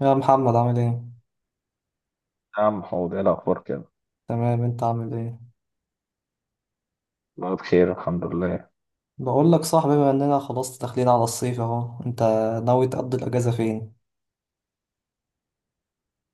يا محمد، عامل ايه؟ يا عم حوض ايه الاخبار كده. تمام، انت عامل ايه؟ والله بخير الحمد لله. بقول لك صاحبي، بما اننا خلاص داخلين على الصيف اهو، انت ناوي تقضي الاجازة فين؟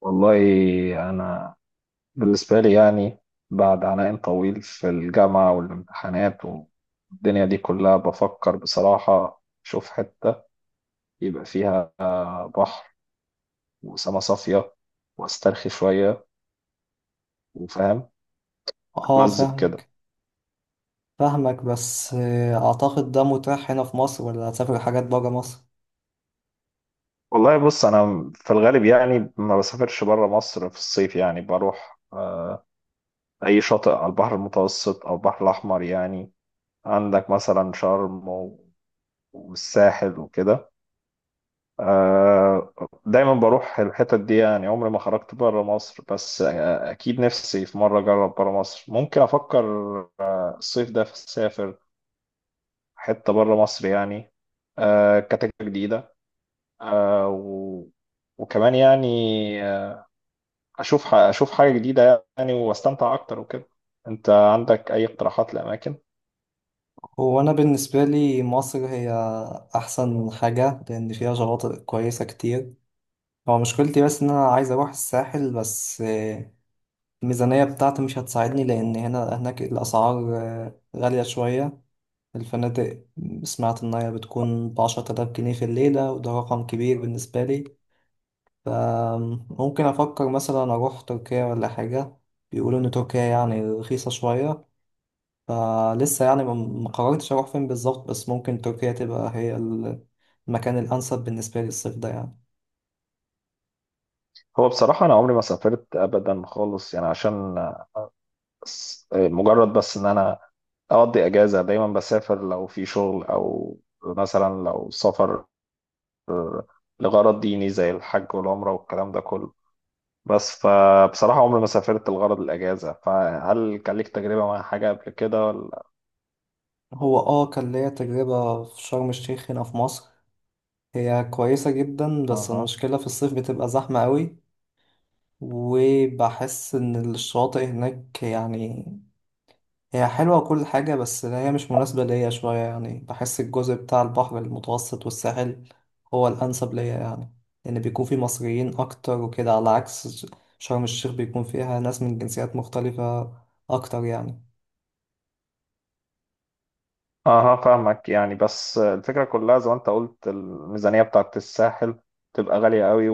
والله انا بالنسبه لي يعني بعد عناء طويل في الجامعه والامتحانات والدنيا دي كلها بفكر بصراحه اشوف حته يبقى فيها بحر وسما صافيه واسترخي شويه وفاهم اه، اتمزج كده. فاهمك. فاهمك بس اعتقد ده متاح هنا في مصر ولا هتسافر حاجات برا مصر؟ والله بص انا في الغالب يعني ما بسافرش بره مصر في الصيف يعني بروح اي شاطئ على البحر المتوسط او البحر الاحمر يعني. عندك مثلا شرم والساحل وكده. آه، دايما بروح الحتت دي يعني عمري ما خرجت بره مصر بس اكيد نفسي في مره اجرب بره مصر، ممكن افكر الصيف ده في اسافر حته بره مصر يعني كتجربه جديده، آه، و- وكمان يعني آه، اشوف اشوف حاجه جديده يعني واستمتع اكتر وكده. انت عندك اي اقتراحات لاماكن؟ هو انا بالنسبة لي مصر هي احسن حاجة لان فيها شواطئ كويسة كتير. هو مشكلتي بس ان انا عايز اروح الساحل، بس الميزانية بتاعتي مش هتساعدني لان هنا هناك الاسعار غالية شوية. الفنادق سمعت إنها بتكون بـ10000 جنيه في الليلة، وده رقم كبير بالنسبة لي. فممكن أفكر مثلا أروح تركيا ولا حاجة، بيقولوا إن تركيا يعني رخيصة شوية. فلسه يعني ما قررتش أروح فين بالظبط، بس ممكن تركيا تبقى هي المكان الأنسب بالنسبة لي الصيف ده يعني. هو بصراحه انا عمري ما سافرت ابدا خالص يعني عشان مجرد بس ان انا اقضي اجازه، دايما بسافر لو في شغل او مثلا لو سفر لغرض ديني زي الحج والعمره والكلام ده كله، بس فبصراحه عمري ما سافرت لغرض الاجازه. فهل كان ليك تجربه مع حاجه قبل كده ولا؟ هو آه كان ليا تجربة في شرم الشيخ هنا في مصر، هي كويسة جدا بس اها. المشكلة في الصيف بتبقى زحمة قوي. وبحس إن الشواطئ هناك يعني هي حلوة كل حاجة، بس هي مش مناسبة ليا شوية. يعني بحس الجزء بتاع البحر المتوسط والساحل هو الأنسب ليا يعني، لأن بيكون فيه مصريين أكتر وكده، على عكس شرم الشيخ بيكون فيها ناس من جنسيات مختلفة أكتر يعني. اها فاهمك يعني، بس الفكرة كلها زي ما انت قلت الميزانية بتاعت الساحل تبقى غالية قوي،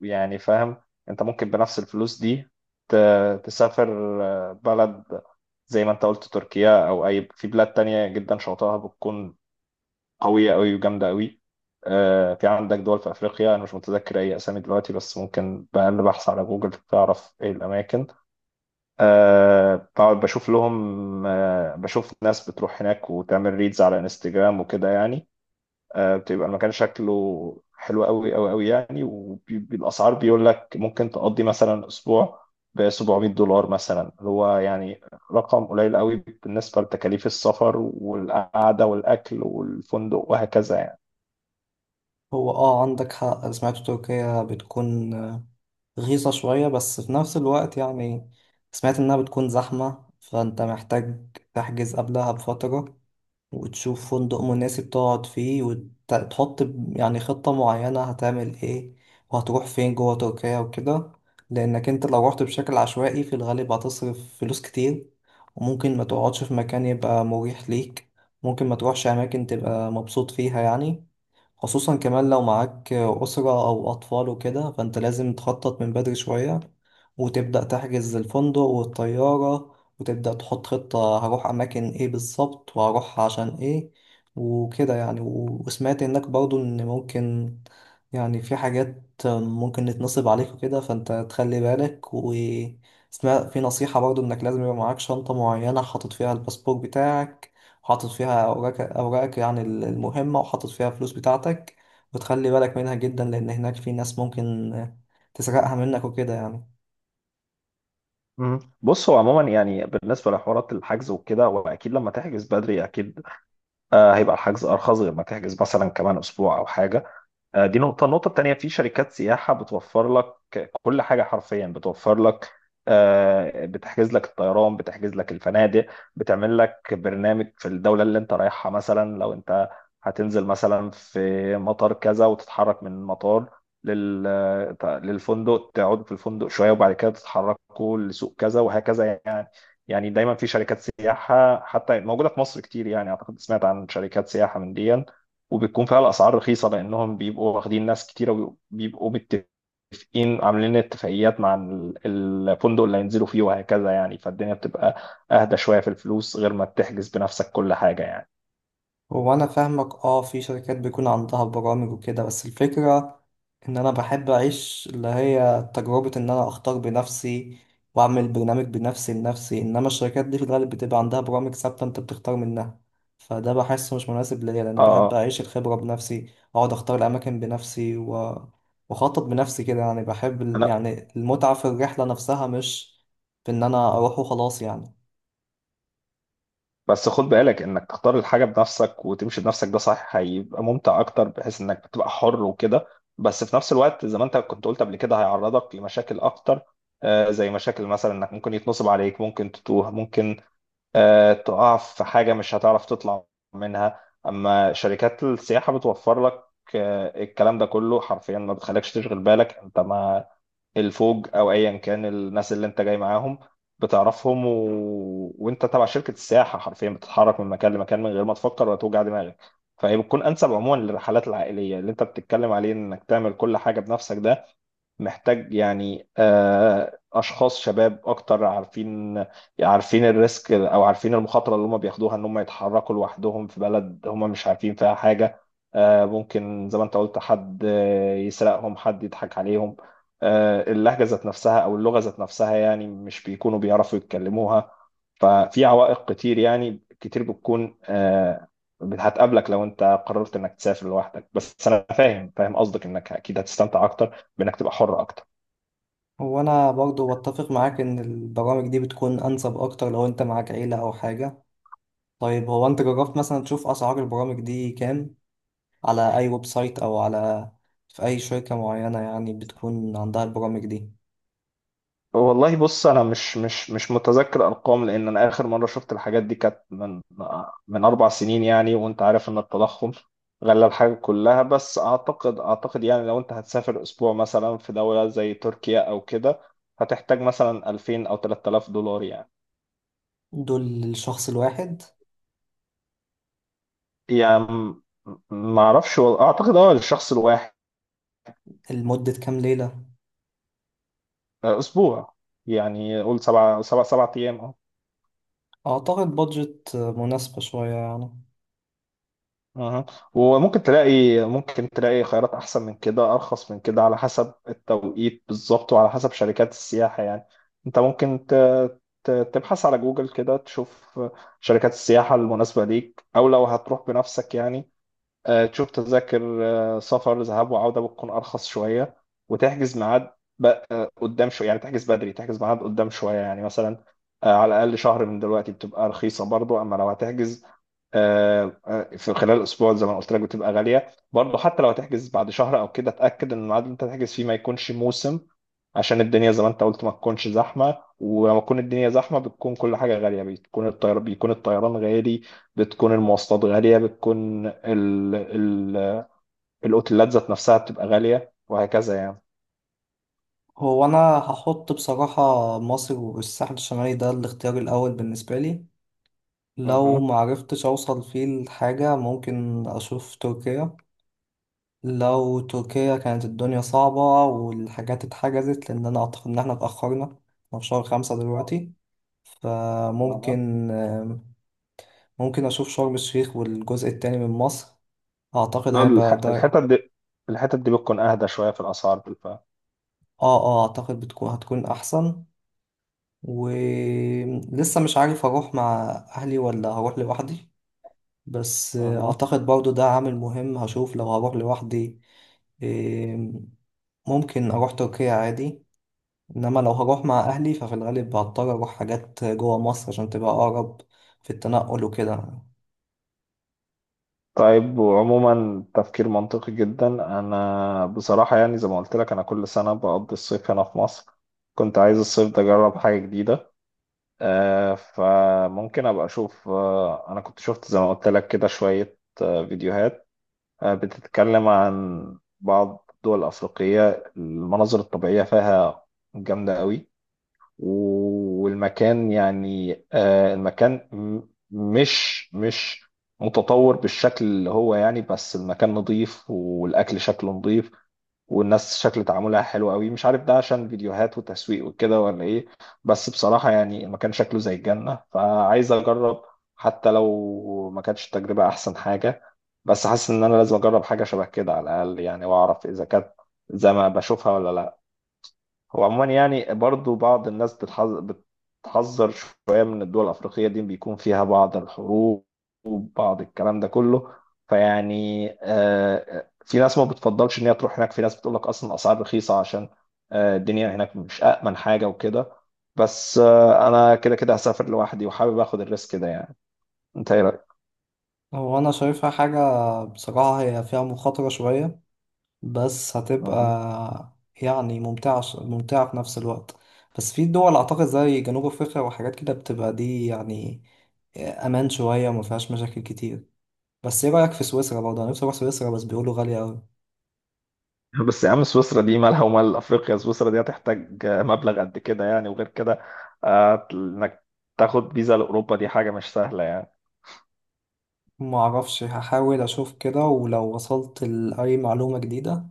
ويعني فاهم انت ممكن بنفس الفلوس دي تسافر بلد زي ما انت قلت تركيا او اي في بلاد تانية جدا شواطئها بتكون قوية قوي وجامدة قوي. في عندك دول في افريقيا، انا مش متذكر اي اسامي دلوقتي بس ممكن بأقل بحث على جوجل تعرف ايه الاماكن. أه بقعد بشوف لهم، أه بشوف ناس بتروح هناك وتعمل ريدز على انستجرام وكده يعني. أه بتبقى المكان شكله حلو قوي قوي قوي يعني، والاسعار بيقول لك ممكن تقضي مثلا اسبوع ب $700 مثلا، اللي هو يعني رقم قليل قوي بالنسبة لتكاليف السفر والقعدة والأكل والفندق وهكذا يعني. هو اه عندك حق، سمعت تركيا بتكون رخيصة شوية، بس في نفس الوقت يعني سمعت إنها بتكون زحمة، فأنت محتاج تحجز قبلها بفترة، وتشوف فندق مناسب تقعد فيه، وتحط يعني خطة معينة هتعمل ايه وهتروح فين جوه تركيا وكده. لأنك انت لو رحت بشكل عشوائي في الغالب هتصرف فلوس كتير، وممكن ما تقعدش في مكان يبقى مريح ليك، ممكن ما تروحش أماكن تبقى مبسوط فيها يعني. خصوصا كمان لو معاك أسرة أو أطفال وكده، فأنت لازم تخطط من بدري شوية، وتبدأ تحجز الفندق والطيارة، وتبدأ تحط خطة هروح أماكن إيه بالظبط وهروح عشان إيه وكده يعني. وسمعت إنك برضو إن ممكن يعني في حاجات ممكن تتنصب عليك وكده، فأنت تخلي بالك. وسمعت في نصيحة برضو إنك لازم يبقى معاك شنطة معينة حاطط فيها الباسبور بتاعك، وحاطط فيها أوراقك يعني المهمة، وحاطط فيها الفلوس بتاعتك، وتخلي بالك منها جدا، لأن هناك في ناس ممكن تسرقها منك وكده يعني. بص هو عموما يعني بالنسبة لحوارات الحجز وكده هو أكيد لما تحجز بدري أكيد هيبقى الحجز أرخص غير ما تحجز مثلا كمان أسبوع أو حاجة. دي نقطة، النقطة التانية في شركات سياحة بتوفر لك كل حاجة حرفيا، بتوفر لك بتحجز لك الطيران، بتحجز لك الفنادق، بتعمل لك برنامج في الدولة اللي انت رايحها. مثلا لو انت هتنزل مثلا في مطار كذا وتتحرك من مطار لل... للفندق، تقعد في الفندق شوية وبعد كده تتحركوا لسوق كذا وهكذا يعني. يعني دايما في شركات سياحة حتى موجودة في مصر كتير يعني، أعتقد سمعت عن شركات سياحة من دي، وبتكون فيها الأسعار رخيصة لأنهم بيبقوا واخدين ناس كتيرة وبيبقوا متفقين عاملين اتفاقيات مع الفندق اللي هينزلوا فيه وهكذا يعني، فالدنيا بتبقى اهدى شويه في الفلوس غير ما تحجز بنفسك كل حاجه يعني. هو انا فاهمك. اه، في شركات بيكون عندها برامج وكده، بس الفكرة ان انا بحب اعيش اللي هي تجربة ان انا اختار بنفسي، واعمل برنامج بنفسي لنفسي. انما الشركات دي في الغالب بتبقى عندها برامج ثابتة انت بتختار منها، فده بحسه مش مناسب ليا لان اه بحب اه اعيش الخبرة بنفسي، اقعد اختار الاماكن بنفسي واخطط بنفسي كده يعني. بحب انا يعني المتعة في الرحلة نفسها، مش في ان انا اروح وخلاص يعني. بس خد بالك انك تختار الحاجه بنفسك وتمشي بنفسك، ده صح هيبقى ممتع اكتر بحيث انك بتبقى حر وكده، بس في نفس الوقت زي ما انت كنت قلت قبل كده هيعرضك لمشاكل اكتر، زي مشاكل مثلا انك ممكن يتنصب عليك، ممكن تتوه، ممكن تقع في حاجة مش هتعرف تطلع منها. أما شركات السياحة بتوفر لك الكلام ده كله حرفيا، ما بتخليكش تشغل بالك. أنت ما الفوج او ايا كان الناس اللي انت جاي معاهم بتعرفهم وانت تبع شركه السياحه حرفيا بتتحرك من مكان لمكان من غير ما تفكر ولا توجع دماغك. فهي بتكون انسب عموما للرحلات العائليه. اللي انت بتتكلم عليه انك تعمل كل حاجه بنفسك، ده محتاج يعني اشخاص شباب اكتر عارفين الريسك، او عارفين المخاطره اللي هم بياخدوها ان هم يتحركوا لوحدهم في بلد هم مش عارفين فيها حاجه. ممكن زي ما انت قلت حد يسرقهم، حد يضحك عليهم، اللهجة ذات نفسها أو اللغة ذات نفسها يعني مش بيكونوا بيعرفوا يتكلموها. ففي عوائق كتير يعني، كتير بتكون هتقابلك لو أنت قررت إنك تسافر لوحدك، بس أنا فاهم قصدك إنك أكيد هتستمتع أكتر بإنك تبقى حر أكتر. هو انا برضو بتفق معاك ان البرامج دي بتكون انسب اكتر لو انت معاك عيلة او حاجة. طيب، هو انت جربت مثلا تشوف اسعار البرامج دي كام، على اي ويب سايت او على في اي شركة معينة يعني بتكون عندها البرامج دي؟ والله بص انا مش متذكر ارقام، لان انا اخر مره شفت الحاجات دي كانت من اربع سنين يعني، وانت عارف ان التضخم غلى الحاجه كلها، بس اعتقد يعني لو انت هتسافر اسبوع مثلا في دوله زي تركيا او كده هتحتاج مثلا 2000 او $3000 يعني. دول للشخص الواحد؟ يعني ما اعرفش اعتقد اه للشخص الواحد. لمدة كام ليلة؟ اسبوع، يعني قول سبع ايام. اعتقد بادجت مناسبة شوية يعني. اها. وممكن تلاقي، ممكن تلاقي خيارات احسن من كده، ارخص من كده على حسب التوقيت بالظبط وعلى حسب شركات السياحة يعني. انت ممكن تبحث على جوجل كده تشوف شركات السياحة المناسبة ليك، او لو هتروح بنفسك يعني تشوف تذاكر سفر ذهاب وعودة بتكون أرخص شوية، وتحجز ميعاد ب- قدام شوية يعني، تحجز بدري، تحجز ميعاد قدام شوية يعني مثلا على الأقل شهر من دلوقتي بتبقى رخيصة برضو. أما لو هتحجز في خلال أسبوع زي ما قلت لك بتبقى غالية برضو. حتى لو هتحجز بعد شهر أو كده اتأكد إن الميعاد اللي أنت هتحجز فيه ما يكونش موسم، عشان الدنيا زي ما أنت قلت ما تكونش زحمة. ولما تكون الدنيا زحمة بتكون كل حاجة غالية، بتكون بيكون الطيران غالي، بتكون المواصلات غالية، بتكون ال ال الأوتيلات ذات نفسها بتبقى غالية وهكذا يعني. هو انا هحط بصراحة مصر والساحل الشمالي ده الاختيار الاول بالنسبة لي، لو اها. معرفتش اوصل فيه لحاجة ممكن اشوف تركيا. لو تركيا كانت الدنيا صعبة والحاجات اتحجزت، لأن أنا أعتقد إن احنا اتأخرنا، احنا في شهر 5 دلوقتي. اها. فممكن أشوف شرم الشيخ والجزء التاني من مصر، أعتقد لا هيبقى ده. الحتت دي، الحتت دي بتكون أهدى شوية في الأسعار بالفعل. آه، آه، أعتقد هتكون أحسن. ولسه مش عارف هروح مع أهلي ولا هروح لوحدي، بس اها. أعتقد برضو ده عامل مهم. هشوف لو هروح لوحدي إيه، ممكن أروح تركيا عادي. انما لو هروح مع اهلي ففي الغالب هضطر اروح حاجات جوه مصر عشان تبقى اقرب في التنقل وكده. طيب، وعموما تفكير منطقي جدا. أنا بصراحة يعني زي ما قلت لك أنا كل سنة بقضي الصيف هنا في مصر، كنت عايز الصيف ده أجرب حاجة جديدة، آه فممكن أبقى أشوف. آه أنا كنت شفت زي ما قلت لك كده شوية آه فيديوهات بتتكلم عن بعض الدول الأفريقية، المناظر الطبيعية فيها جامدة قوي، والمكان يعني المكان مش متطور بالشكل اللي هو يعني، بس المكان نظيف والأكل شكله نظيف والناس شكل تعاملها حلو قوي. مش عارف ده عشان فيديوهات وتسويق وكده ولا ايه، بس بصراحة يعني المكان شكله زي الجنة فعايز اجرب، حتى لو ما كانتش التجربة احسن حاجة، بس حاسس ان انا لازم اجرب حاجة شبه كده على الاقل يعني، واعرف اذا كانت زي ما بشوفها ولا لا. هو عموما يعني برضو بعض الناس بتحذر شوية من الدول الأفريقية دي، بيكون فيها بعض الحروب وبعض الكلام ده كله، فيعني في ناس ما بتفضلش إن هي تروح هناك، في ناس بتقول لك أصلا الأسعار رخيصة عشان الدنيا هناك مش أأمن حاجة وكده. بس أنا كده كده هسافر لوحدي وحابب آخد الريسك ده يعني. أنت إيه هو انا شايفها حاجة بصراحة هي فيها مخاطرة شوية، بس هتبقى رأيك؟ يعني ممتعة. ممتعة في نفس الوقت. بس في دول اعتقد زي جنوب افريقيا وحاجات كده بتبقى دي يعني امان شوية وما فيهاش مشاكل كتير. بس ايه رأيك في سويسرا؟ برضه انا نفسي اروح سويسرا، بس بيقولوا غالية اوي. بس يا عم سويسرا دي مالها ومال افريقيا؟ سويسرا دي هتحتاج مبلغ قد كده يعني، وغير كده انك تاخد فيزا لاوروبا دي حاجه مش سهله يعني. معرفش، هحاول اشوف كده، ولو وصلت لأي معلومة جديدة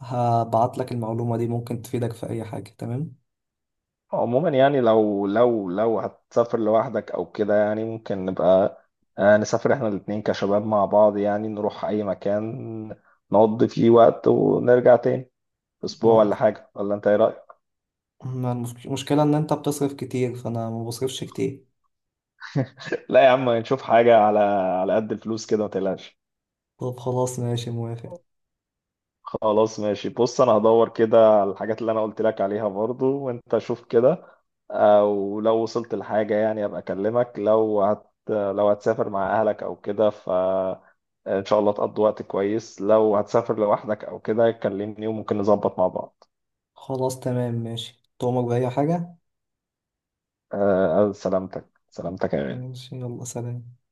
هبعت لك المعلومة دي ممكن تفيدك في أي حاجة. تمام. عموما يعني لو هتسافر لوحدك او كده يعني ممكن نبقى نسافر احنا الاتنين كشباب مع بعض يعني، نروح اي مكان نقضي فيه وقت ونرجع تاني، اسبوع ما ولا حاجه، ولا انت ايه رايك؟ ما المشك- المشكلة إن أنت بتصرف كتير فأنا ما بصرفش كتير. لا يا عم نشوف حاجه على على قد الفلوس كده، ما تقلقش. طب خلاص، ماشي، موافق. خلاص ماشي. بص انا هدور كده على الحاجات اللي انا قلت لك عليها برضو، وانت شوف كده، او لو وصلت لحاجة يعني ابقى اكلمك. لو لو هتسافر مع اهلك او كده فان شاء الله تقضي وقت كويس، لو هتسافر لوحدك او كده كلمني وممكن نظبط مع بعض. خلاص تمام، ماشي، تؤمر بأي حاجة. أه سلامتك، سلامتك يا غالي. ماشي، يلا، سلام.